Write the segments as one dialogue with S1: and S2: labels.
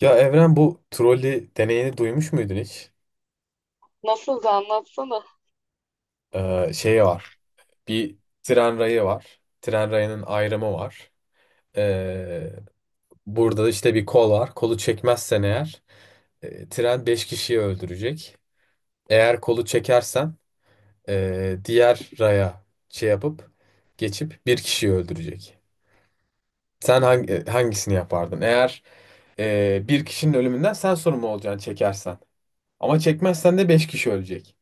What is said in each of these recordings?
S1: Ya Evren bu trolley deneyini duymuş muydun hiç?
S2: Nasıl da anlatsana.
S1: Şey var. Bir tren rayı var. Tren rayının ayrımı var. Ee, burada işte bir kol var. Kolu çekmezsen eğer tren 5 kişiyi öldürecek. Eğer kolu çekersen diğer raya şey yapıp geçip bir kişiyi öldürecek. Sen hangisini yapardın? Eğer bir kişinin ölümünden sen sorumlu olacaksın çekersen. Ama çekmezsen de 5 kişi ölecek.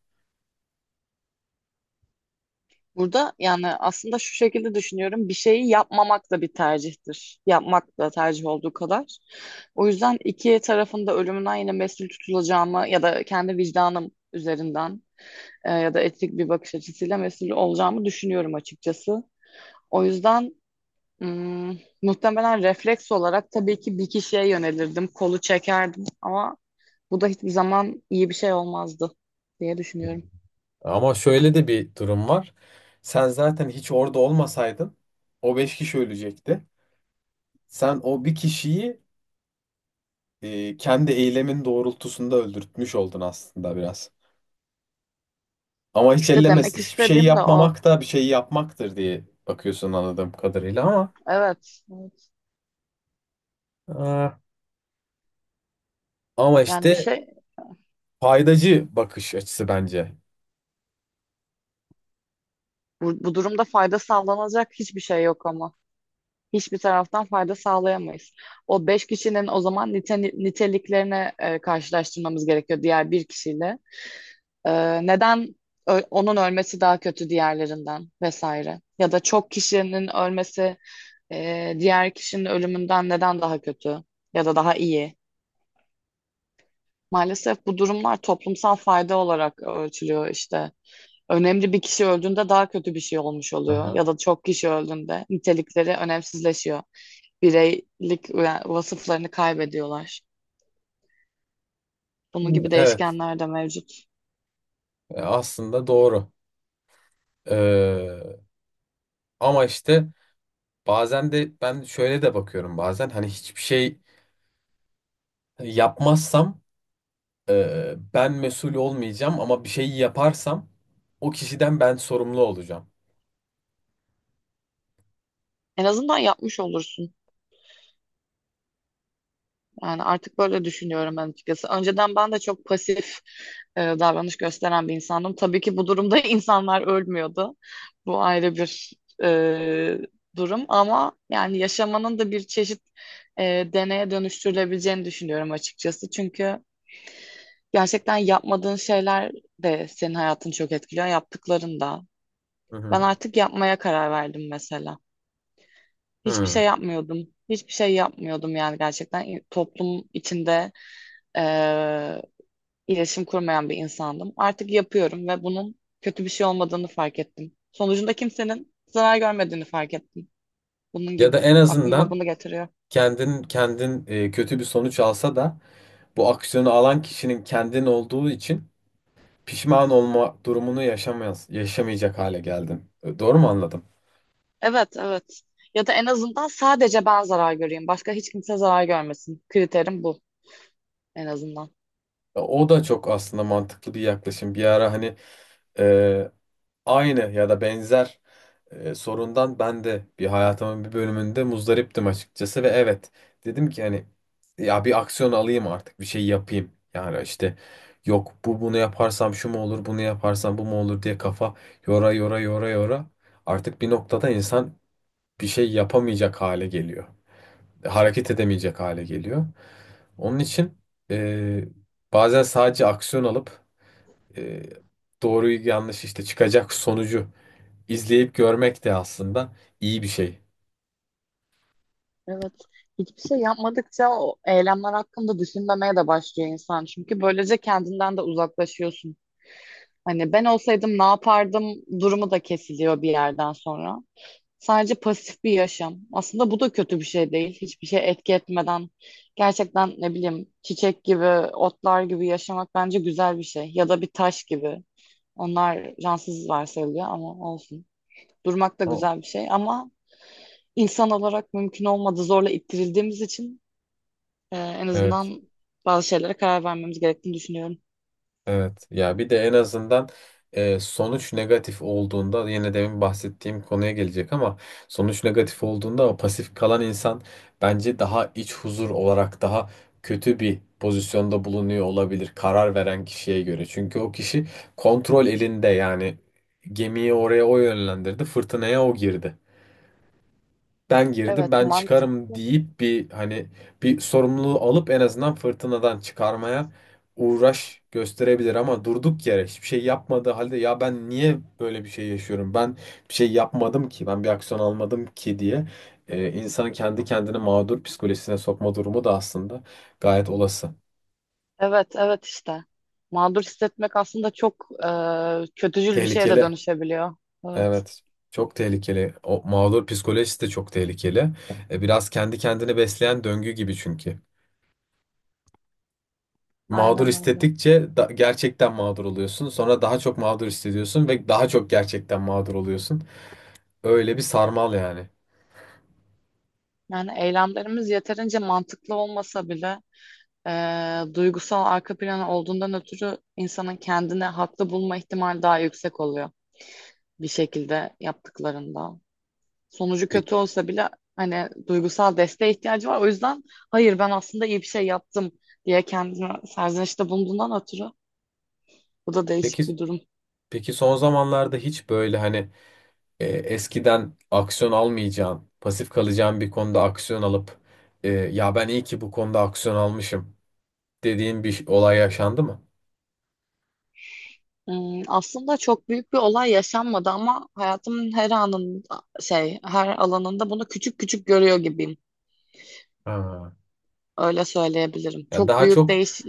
S2: Burada yani aslında şu şekilde düşünüyorum. Bir şeyi yapmamak da bir tercihtir. Yapmak da tercih olduğu kadar. O yüzden iki tarafında ölümünden yine mesul tutulacağımı ya da kendi vicdanım üzerinden ya da etik bir bakış açısıyla mesul olacağımı düşünüyorum açıkçası. O yüzden muhtemelen refleks olarak tabii ki bir kişiye yönelirdim, kolu çekerdim ama bu da hiçbir zaman iyi bir şey olmazdı diye düşünüyorum.
S1: Ama şöyle de bir durum var. Sen zaten hiç orada olmasaydın o beş kişi ölecekti. Sen o bir kişiyi kendi eylemin doğrultusunda öldürtmüş oldun aslında biraz. Ama hiç
S2: İşte
S1: ellemez.
S2: demek
S1: Hiçbir şey
S2: istediğim de o.
S1: yapmamak da bir şey yapmaktır diye bakıyorsun anladığım kadarıyla ama.
S2: Evet, evet.
S1: e, Ama
S2: Yani bir
S1: işte
S2: şey
S1: faydacı bakış açısı bence.
S2: bu durumda fayda sağlanacak hiçbir şey yok ama. Hiçbir taraftan fayda sağlayamayız. O beş kişinin o zaman niteliklerini karşılaştırmamız gerekiyor diğer bir kişiyle. E, neden onun ölmesi daha kötü diğerlerinden vesaire? Ya da çok kişinin ölmesi diğer kişinin ölümünden neden daha kötü ya da daha iyi? Maalesef bu durumlar toplumsal fayda olarak ölçülüyor işte. Önemli bir kişi öldüğünde daha kötü bir şey olmuş oluyor
S1: Aha.
S2: ya da çok kişi öldüğünde nitelikleri önemsizleşiyor. Bireylik yani vasıflarını kaybediyorlar. Bunun gibi
S1: Evet,
S2: değişkenler de mevcut.
S1: aslında doğru. Ee, ama işte bazen de ben şöyle de bakıyorum, bazen hani hiçbir şey yapmazsam ben mesul olmayacağım ama bir şeyi yaparsam o kişiden ben sorumlu olacağım.
S2: En azından yapmış olursun. Yani artık böyle düşünüyorum ben açıkçası. Önceden ben de çok pasif davranış gösteren bir insandım. Tabii ki bu durumda insanlar ölmüyordu. Bu ayrı bir e, durum ama yani yaşamanın da bir çeşit e, deneye dönüştürülebileceğini düşünüyorum açıkçası. Çünkü gerçekten yapmadığın şeyler de senin hayatını çok etkiliyor, yaptıkların da.
S1: Hı
S2: Ben
S1: hı.
S2: artık yapmaya karar verdim mesela. Hiçbir
S1: Hı.
S2: şey yapmıyordum. Hiçbir şey yapmıyordum yani gerçekten toplum içinde eee iletişim kurmayan bir insandım. Artık yapıyorum ve bunun kötü bir şey olmadığını fark ettim. Sonucunda kimsenin zarar görmediğini fark ettim. Bunun
S1: Ya da
S2: gibi.
S1: en
S2: Aklıma
S1: azından
S2: bunu getiriyor.
S1: kendin kötü bir sonuç alsa da bu aksiyonu alan kişinin kendin olduğu için pişman olma durumunu yaşamayız, yaşamayacak hale geldim. Doğru mu anladım?
S2: Evet, evet. Ya da en azından sadece ben zarar göreyim. Başka hiç kimse zarar görmesin. Kriterim bu en azından.
S1: O da çok aslında mantıklı bir yaklaşım. Bir ara hani e, aynı ya da benzer sorundan ben de bir hayatımın bir bölümünde muzdariptim açıkçası ve evet, dedim ki hani ya bir aksiyon alayım, artık bir şey yapayım. Yani işte yok bu bunu yaparsam şu mu olur, bunu yaparsam bu mu olur diye kafa yora yora yora yora artık bir noktada insan bir şey yapamayacak hale geliyor. Hareket edemeyecek hale geliyor. Onun için e, bazen sadece aksiyon alıp e, doğruyu yanlış işte çıkacak sonucu izleyip görmek de aslında iyi bir şey.
S2: Evet. Hiçbir şey yapmadıkça o eylemler hakkında düşünmemeye de başlıyor insan. Çünkü böylece kendinden de uzaklaşıyorsun. Hani ben olsaydım ne yapardım durumu da kesiliyor bir yerden sonra. Sadece pasif bir yaşam. Aslında bu da kötü bir şey değil. Hiçbir şey etki etmeden gerçekten ne bileyim çiçek gibi, otlar gibi yaşamak bence güzel bir şey. Ya da bir taş gibi. Onlar cansız varsayılıyor ama olsun. Durmak da
S1: O-
S2: güzel bir şey ama insan olarak mümkün olmadı zorla ittirildiğimiz için en
S1: Evet.
S2: azından bazı şeylere karar vermemiz gerektiğini düşünüyorum.
S1: Evet ya, bir de en azından sonuç negatif olduğunda yine demin bahsettiğim konuya gelecek ama sonuç negatif olduğunda o pasif kalan insan bence daha iç huzur olarak daha kötü bir pozisyonda bulunuyor olabilir karar veren kişiye göre. Çünkü o kişi kontrol elinde, yani gemiyi oraya o yönlendirdi, fırtınaya o girdi, ben girdim
S2: Evet,
S1: ben çıkarım
S2: mantıklı.
S1: deyip bir hani bir sorumluluğu alıp en azından fırtınadan çıkarmaya uğraş gösterebilir, ama durduk yere hiçbir şey yapmadığı halde ya ben niye böyle bir şey yaşıyorum, ben bir şey yapmadım ki, ben bir aksiyon almadım ki diye insanı kendi kendini mağdur psikolojisine sokma durumu da aslında gayet olası.
S2: Evet, evet işte. Mağdur hissetmek aslında çok kötücül bir şeye de
S1: Tehlikeli.
S2: dönüşebiliyor. Evet,
S1: Evet. Çok tehlikeli. O mağdur psikolojisi de çok tehlikeli. Biraz kendi kendini besleyen döngü gibi çünkü. Mağdur
S2: aynen öyle.
S1: hissettikçe gerçekten mağdur oluyorsun. Sonra daha çok mağdur hissediyorsun ve daha çok gerçekten mağdur oluyorsun. Öyle bir sarmal yani.
S2: Yani eylemlerimiz yeterince mantıklı olmasa bile duygusal arka planı olduğundan ötürü insanın kendini haklı bulma ihtimali daha yüksek oluyor, bir şekilde yaptıklarında. Sonucu
S1: Pe-
S2: kötü olsa bile hani duygusal desteğe ihtiyacı var. O yüzden hayır, ben aslında iyi bir şey yaptım diye kendine serzenişte bulunduğundan ötürü bu da
S1: Peki
S2: değişik bir durum.
S1: peki, son zamanlarda hiç böyle hani eskiden aksiyon almayacağın, pasif kalacağın bir konuda aksiyon alıp ya ben iyi ki bu konuda aksiyon almışım dediğin bir olay yaşandı mı?
S2: Aslında çok büyük bir olay yaşanmadı ama hayatımın her anında şey, her alanında bunu küçük küçük görüyor gibiyim.
S1: Ha.
S2: Öyle söyleyebilirim.
S1: Ya
S2: Çok
S1: daha
S2: büyük
S1: çok
S2: değiş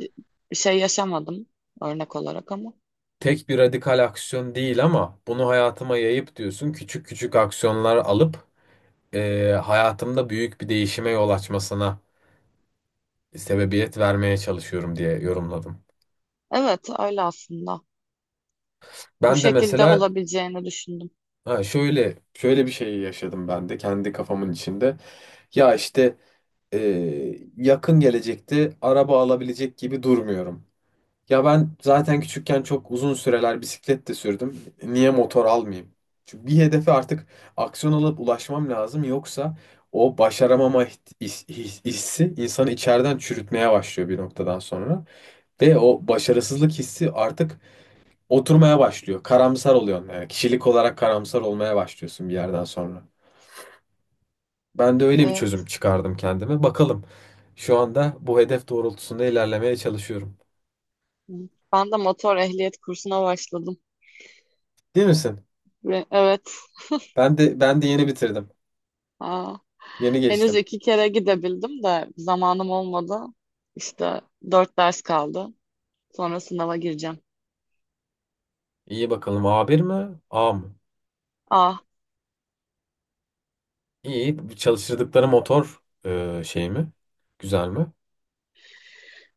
S2: bir şey yaşamadım örnek olarak ama.
S1: tek bir radikal aksiyon değil ama bunu hayatıma yayıp diyorsun, küçük küçük aksiyonlar alıp hayatımda büyük bir değişime yol açmasına sebebiyet vermeye çalışıyorum diye yorumladım.
S2: Evet öyle aslında. Bu
S1: Ben de
S2: şekilde
S1: mesela
S2: olabileceğini düşündüm.
S1: ha, şöyle şöyle bir şey yaşadım ben de kendi kafamın içinde. Ya işte e, yakın gelecekte araba alabilecek gibi durmuyorum. Ya ben zaten küçükken çok uzun süreler bisiklet de sürdüm. Niye motor almayayım? Çünkü bir hedefe artık aksiyon alıp ulaşmam lazım. Yoksa o başaramama hissi insanı içeriden çürütmeye başlıyor bir noktadan sonra. Ve o başarısızlık hissi artık oturmaya başlıyor. Karamsar oluyorsun. Yani kişilik olarak karamsar olmaya başlıyorsun bir yerden sonra. Ben de öyle bir
S2: Ee,
S1: çözüm çıkardım kendime. Bakalım. Şu anda bu hedef doğrultusunda ilerlemeye çalışıyorum.
S2: Ben de motor ehliyet kursuna başladım.
S1: Değil misin?
S2: Ve evet.
S1: Ben de yeni bitirdim.
S2: Aa,
S1: Yeni
S2: henüz
S1: geçtim.
S2: iki kere gidebildim de zamanım olmadı. İşte dört ders kaldı. Sonra sınava gireceğim.
S1: İyi, bakalım A1 mi? A mı?
S2: Ah,
S1: İyi. Çalıştırdıkları motor şey mi? Güzel mi?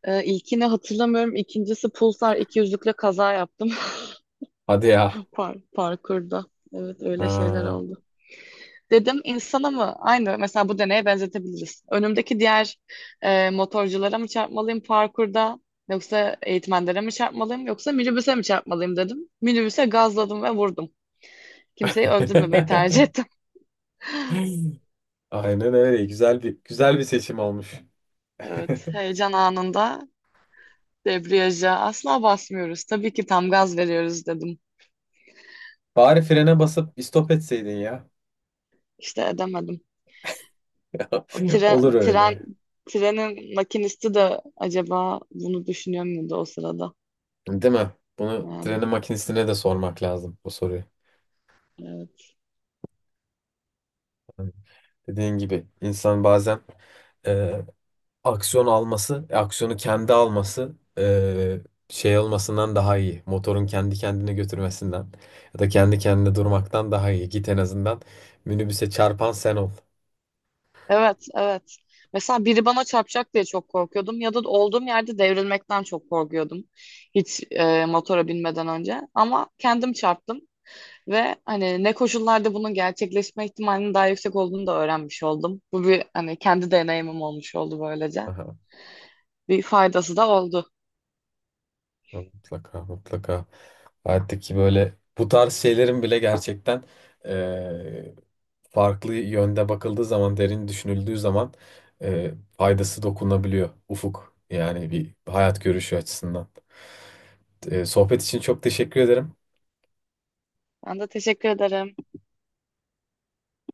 S2: ilkini hatırlamıyorum. İkincisi Pulsar 200'lükle kaza yaptım
S1: Hadi ya.
S2: parkurda. Evet öyle şeyler
S1: Ha.
S2: oldu. Dedim insana mı? Aynı mesela bu deneye benzetebiliriz. Önümdeki diğer motorculara mı çarpmalıyım parkurda yoksa eğitmenlere mi çarpmalıyım yoksa minibüse mi çarpmalıyım dedim. Minibüse gazladım ve vurdum. Kimseyi öldürmemeyi tercih ettim.
S1: Aynen öyle. Güzel bir seçim olmuş.
S2: Evet, heyecan anında debriyaja asla basmıyoruz. Tabii ki tam gaz veriyoruz dedim.
S1: Bari frene basıp istop etseydin ya.
S2: İşte edemedim. O tren,
S1: Olur
S2: tren,
S1: öyle.
S2: trenin makinisti de acaba bunu düşünüyor muydu o sırada?
S1: Değil mi? Bunu
S2: Yani
S1: trenin makinesine de sormak lazım bu soruyu.
S2: evet.
S1: Hani, dediğin gibi insan bazen e, aksiyon alması, aksiyonu kendi alması şey olmasından daha iyi. Motorun kendi kendine götürmesinden ya da kendi kendine durmaktan daha iyi. Git en azından minibüse çarpan sen ol.
S2: Evet, evet. Mesela biri bana çarpacak diye çok korkuyordum ya da olduğum yerde devrilmekten çok korkuyordum. Hiç motora binmeden önce ama kendim çarptım ve hani ne koşullarda bunun gerçekleşme ihtimalinin daha yüksek olduğunu da öğrenmiş oldum. Bu bir hani kendi deneyimim olmuş oldu böylece.
S1: Aha.
S2: Bir faydası da oldu.
S1: Mutlaka mutlaka. Artık ki böyle bu tarz şeylerin bile gerçekten eee, farklı yönde bakıldığı zaman, derin düşünüldüğü zaman faydası dokunabiliyor. Ufuk yani, bir hayat görüşü açısından. Sohbet için çok teşekkür ederim.
S2: Ben de teşekkür ederim.